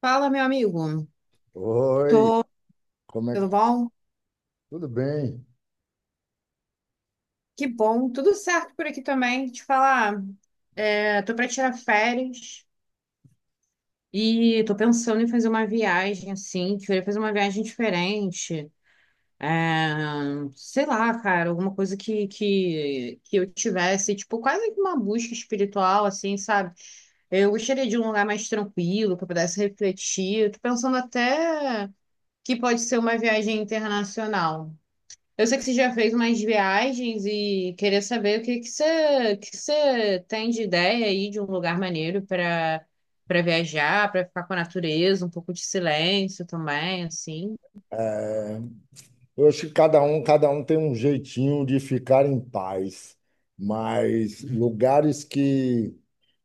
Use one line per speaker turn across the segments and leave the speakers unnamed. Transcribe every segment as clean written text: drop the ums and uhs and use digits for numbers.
Fala, meu amigo.
Oi, como é que
Tudo
tá?
bom?
Tudo bem?
Que bom. Tudo certo por aqui também. Te falar, tô para tirar férias e tô pensando em fazer uma viagem assim. Queria fazer uma viagem diferente. É, sei lá, cara, alguma coisa que eu tivesse, tipo, quase que uma busca espiritual, assim, sabe? Eu gostaria de um lugar mais tranquilo, que eu pudesse refletir. Eu tô pensando até que pode ser uma viagem internacional. Eu sei que você já fez umas viagens e queria saber o que você tem de ideia aí de um lugar maneiro para viajar, para ficar com a natureza, um pouco de silêncio também, assim.
É, eu acho que cada um tem um jeitinho de ficar em paz, mas lugares que,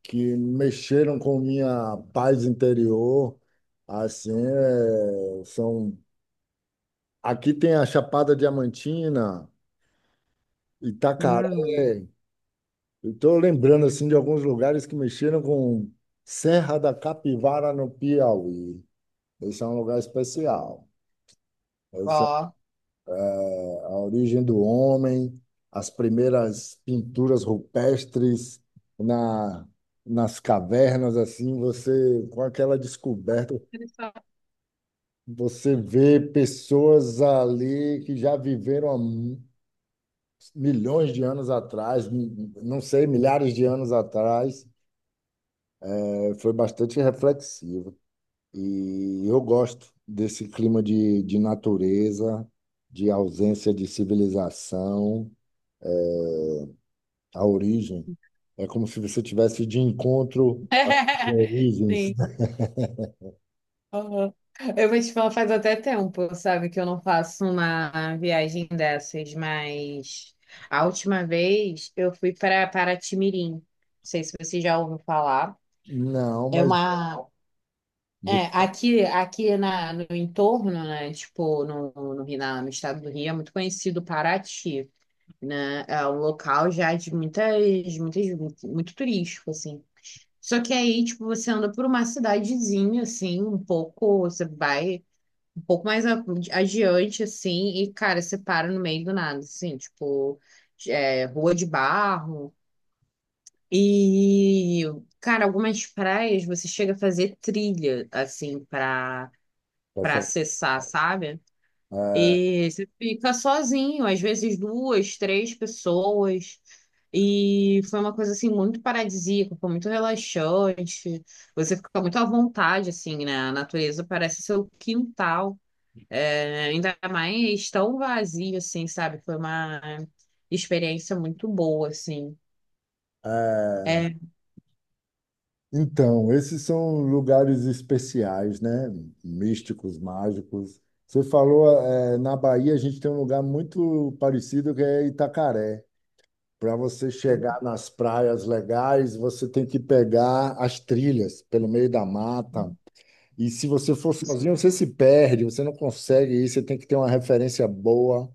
que mexeram com minha paz interior, assim, são... Aqui tem a Chapada Diamantina, Itacaré,
Hum,
estou lembrando, assim, de alguns lugares que mexeram com Serra da Capivara, no Piauí. Esse é um lugar especial.
ó.
A origem do homem, as primeiras pinturas rupestres na, nas cavernas, assim, você, com aquela descoberta,
Interessante.
você vê pessoas ali que já viveram milhões de anos atrás, não sei, milhares de anos atrás. É, foi bastante reflexivo. E eu gosto desse clima de natureza, de ausência de civilização. A origem. É como se você tivesse de encontro com origens.
Sim. Aham. Eu vou te falar, faz até tempo, sabe, que eu não faço uma viagem dessas, mas a última vez eu fui para Paraty Mirim. Não sei se você já ouviu falar.
Não,
É
mas.
uma, É, aqui no entorno, né, tipo, no estado do Rio, é muito conhecido Paraty, né, é um local já de muito turístico, assim. Só que aí, tipo, você anda por uma cidadezinha, assim, um pouco, você vai um pouco mais adiante, assim, e, cara, você para no meio do nada, assim, tipo, é, rua de barro, e, cara, algumas praias você chega a fazer trilha, assim, pra
Tá
para
certo.
acessar, sabe?
É,
E você fica sozinho, às vezes duas, três pessoas. E foi uma coisa assim muito paradisíaca, foi muito relaxante. Você fica muito à vontade assim, né? A natureza parece seu quintal. É, ainda mais tão vazio assim, sabe? Foi uma experiência muito boa assim.
é,
É,
Então, esses são lugares especiais, né? Místicos, mágicos. Você falou, é, na Bahia a gente tem um lugar muito parecido que é Itacaré. Para você chegar nas praias legais, você tem que pegar as trilhas pelo meio da mata. E se você for sozinho, você se perde, você não consegue ir, você tem que ter uma referência boa.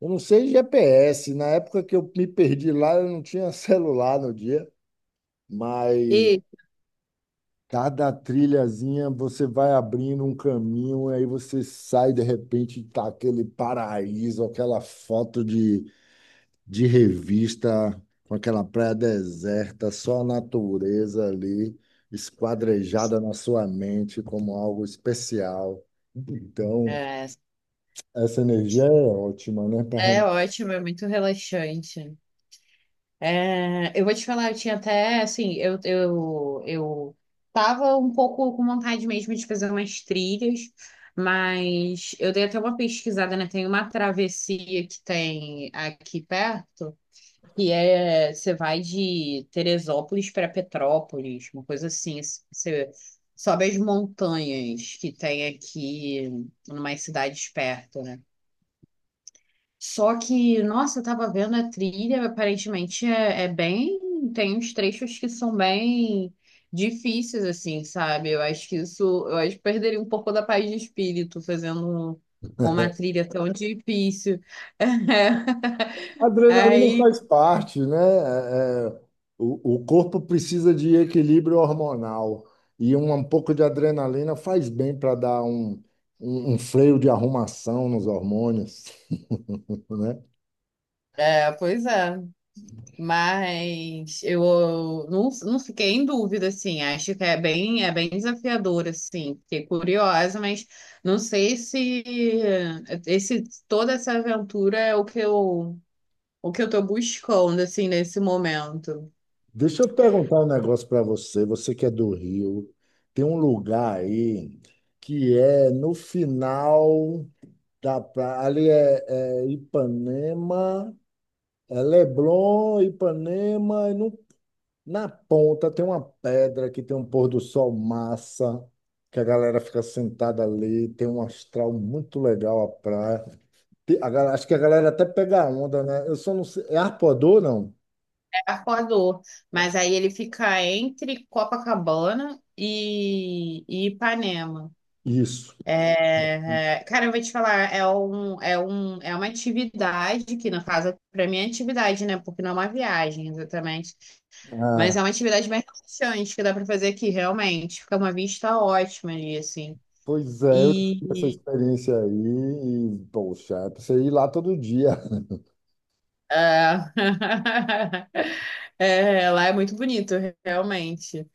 Eu não sei GPS, na época que eu me perdi lá, eu não tinha celular no dia, mas
e
cada trilhazinha você vai abrindo um caminho, aí você sai de repente e tá aquele paraíso, aquela foto de revista, com aquela praia deserta, só a natureza ali esquadrejada na sua mente como algo especial. Então,
é,
essa energia é ótima, né?
é ótimo, é muito relaxante. É, eu vou te falar, eu tinha até, assim, eu tava um pouco com vontade mesmo de fazer umas trilhas, mas eu dei até uma pesquisada, né? Tem uma travessia que tem aqui perto, que é, você vai de Teresópolis para Petrópolis, uma coisa você sobe as montanhas que tem aqui, em umas cidades perto, né? Só que, nossa, eu tava vendo a trilha, aparentemente é bem. Tem uns trechos que são bem difíceis, assim, sabe? Eu acho que isso. Eu acho que perderia um pouco da paz de espírito fazendo uma trilha tão difícil.
A adrenalina
Aí,
faz parte, né? O corpo precisa de equilíbrio hormonal e um pouco de adrenalina faz bem para dar um freio de arrumação nos hormônios, né?
é, pois é. Mas eu não fiquei em dúvida, assim. Acho que é bem desafiador, assim. Fiquei curiosa, mas não sei se esse, toda essa aventura é o que o que eu tô buscando, assim, nesse momento.
Deixa eu perguntar um negócio para você. Você que é do Rio, tem um lugar aí que é no final da praia. Ali é Ipanema, é Leblon, Ipanema, e no, na ponta tem uma pedra que tem um pôr do sol massa, que a galera fica sentada ali, tem um astral muito legal a praia. Acho que a galera até pega a onda, né? Eu só não sei. É Arpoador, não?
É Arpoador. Mas aí ele fica entre Copacabana e Ipanema.
Isso.
Cara, eu vou te falar, é uma atividade que, no caso, para mim é atividade, né? Porque não é uma viagem, exatamente. Mas é uma atividade bem relaxante que dá para fazer aqui, realmente. Fica uma vista ótima ali, assim.
Pois é, eu tive essa
E
experiência aí e, poxa, você ir lá todo dia.
ah, é, lá é muito bonito, realmente.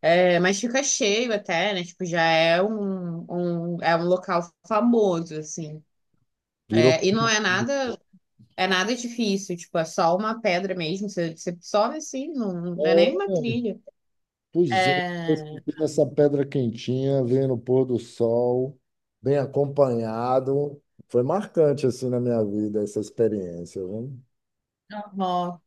É, mas fica cheio até, né? Tipo, já é é um local famoso, assim.
Virou.
É, e não é nada. É nada difícil, tipo, é só uma pedra mesmo. Você sobe assim, não é nem
É,
uma trilha.
pois é, eu
É...
fiquei nessa pedra quentinha, vendo o pôr do sol, bem acompanhado. Foi marcante, assim, na minha vida, essa experiência, viu?
normal.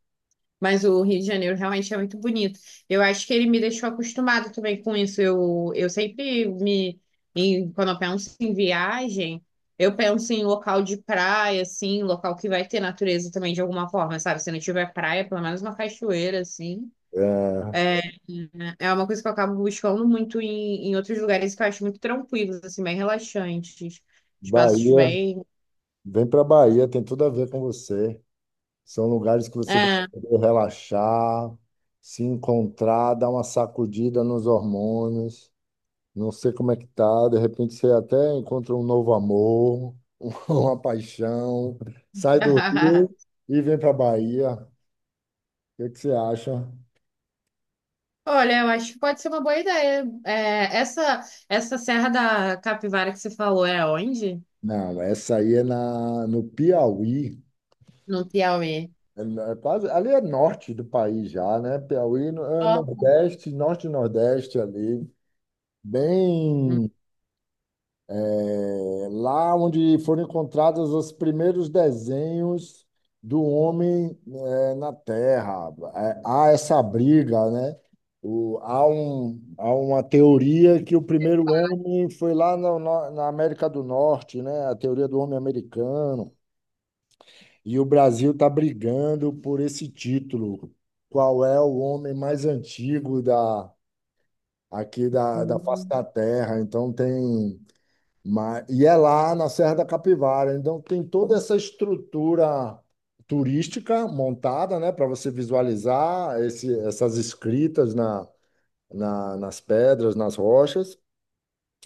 Mas o Rio de Janeiro realmente é muito bonito. Eu acho que ele me deixou acostumado também com isso. Eu sempre me. Em- quando eu penso em viagem, eu penso em local de praia, assim, local que vai ter natureza também de alguma forma, sabe? Se não tiver praia, pelo menos uma cachoeira, assim.
É,
É, é uma coisa que eu acabo buscando muito em outros lugares que eu acho muito tranquilos, assim, bem relaxantes. Espaços
Bahia,
bem.
vem para Bahia, tem tudo a ver com você. São lugares que você vai
É.
poder relaxar, se encontrar, dar uma sacudida nos hormônios. Não sei como é que tá, de repente você até encontra um novo amor, uma paixão, sai do Rio e vem para Bahia. O que que você acha?
Olha, eu acho que pode ser uma boa ideia. Essa Serra da Capivara que você falou é onde?
Não, essa aí é no Piauí.
No Piauí.
É, é quase, ali é norte do país já, né? Piauí no- é
Ó.
Nordeste, Norte e Nordeste ali. Bem. É lá onde foram encontrados os primeiros desenhos do homem é, na Terra. É, há essa briga, né? Há uma teoria que o primeiro homem foi lá na América do Norte, né? A teoria do homem americano. E o Brasil está brigando por esse título. Qual é o homem mais antigo aqui da face
Uhum.
da Terra? Então tem mas, e é lá na Serra da Capivara. Então, tem toda essa estrutura turística montada, né, para você visualizar esse, essas escritas nas pedras, nas rochas,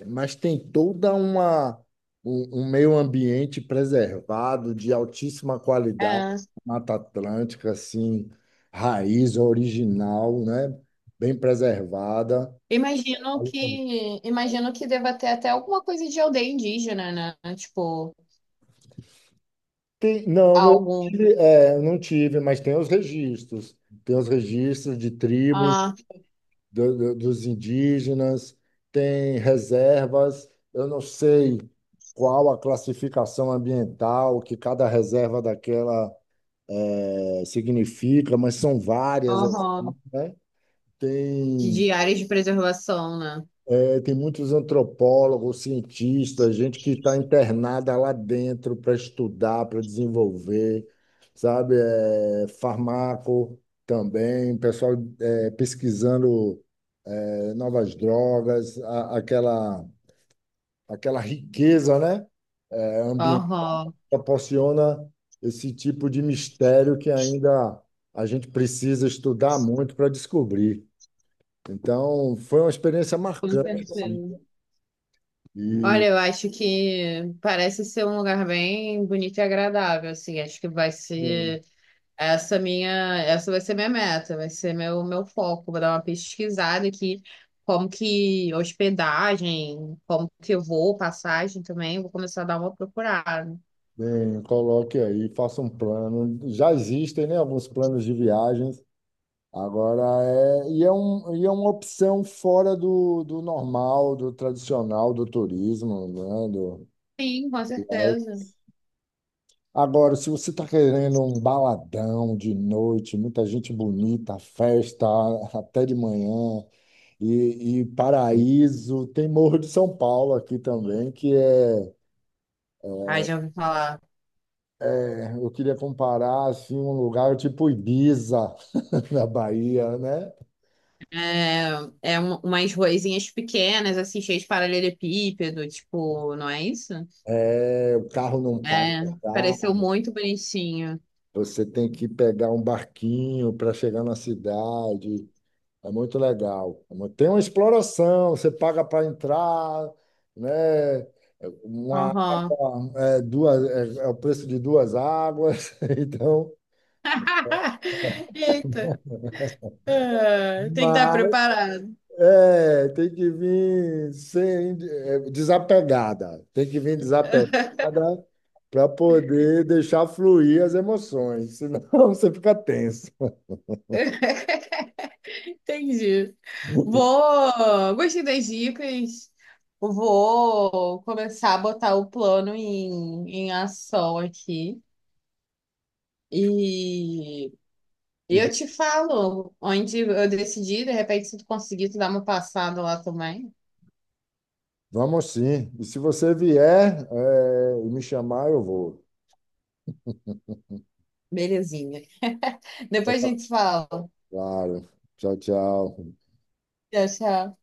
mas tem toda uma, um meio ambiente preservado, de altíssima qualidade,
É.
Mata Atlântica, assim, raiz original, né, bem preservada.
Imagino que, imagino que deva ter até alguma coisa de aldeia indígena, né? Tipo,
Não,
algum.
é, não tive, mas tem os registros. Tem os registros de tribos,
Ah,
dos indígenas, tem reservas. Eu não sei qual a classificação ambiental que cada reserva daquela significa, mas são várias, assim,
aham.
né? Tem
De áreas de preservação, né?
Tem muitos antropólogos, cientistas, gente que está internada lá dentro para estudar, para desenvolver, sabe? É, farmaco também, pessoal é, pesquisando é, novas drogas, aquela riqueza, né? É, ambiente
Aham,
proporciona esse tipo de mistério que ainda a gente precisa estudar muito para descobrir. Então, foi uma experiência
com é
marcante, assim.
certeza.
E
Olha, eu acho que parece ser um lugar bem bonito e agradável, assim. Acho que vai ser essa minha, essa vai ser minha meta, vai ser meu foco. Vou dar uma pesquisada aqui, como que hospedagem, como que eu vou, passagem também. Vou começar a dar uma procurada.
bem, coloque aí, faça um plano. Já existem, né, alguns planos de viagens. Agora e é uma opção fora do normal, do tradicional, do turismo, né?
Sim, com
É.
certeza.
Agora, se você está querendo um baladão de noite, muita gente bonita, festa até de manhã, e paraíso, tem Morro de São Paulo aqui também, que é,
Ah, já ouvi falar.
é, eu queria comparar assim, um lugar tipo Ibiza, na Bahia, né?
É, umas ruazinhas pequenas, assim, cheias de paralelepípedo, tipo, não é isso?
É, o carro não passa,
É,
tá?
pareceu muito bonitinho.
Você tem que pegar um barquinho para chegar na cidade. É muito legal. Tem uma exploração, você paga para entrar, né? É uma
Aham.
água, é, duas, é, é o preço de duas águas. Então,
Eita. Ah, tem que estar
mas
preparado.
é, tem que vir sem, é, desapegada. Tem que vir desapegada para poder deixar fluir as emoções, senão você fica tenso.
Entendi. Vou. Gostei das dicas. Vou começar a botar o plano em ação aqui. E
E
eu te falo onde eu decidi. De repente, se tu conseguir, tu dá uma passada lá também.
vamos sim. E se você vier, me chamar, eu vou.
Belezinha. Depois a
Tá.
gente fala.
Claro. Tchau, tchau.
Tchau, tchau.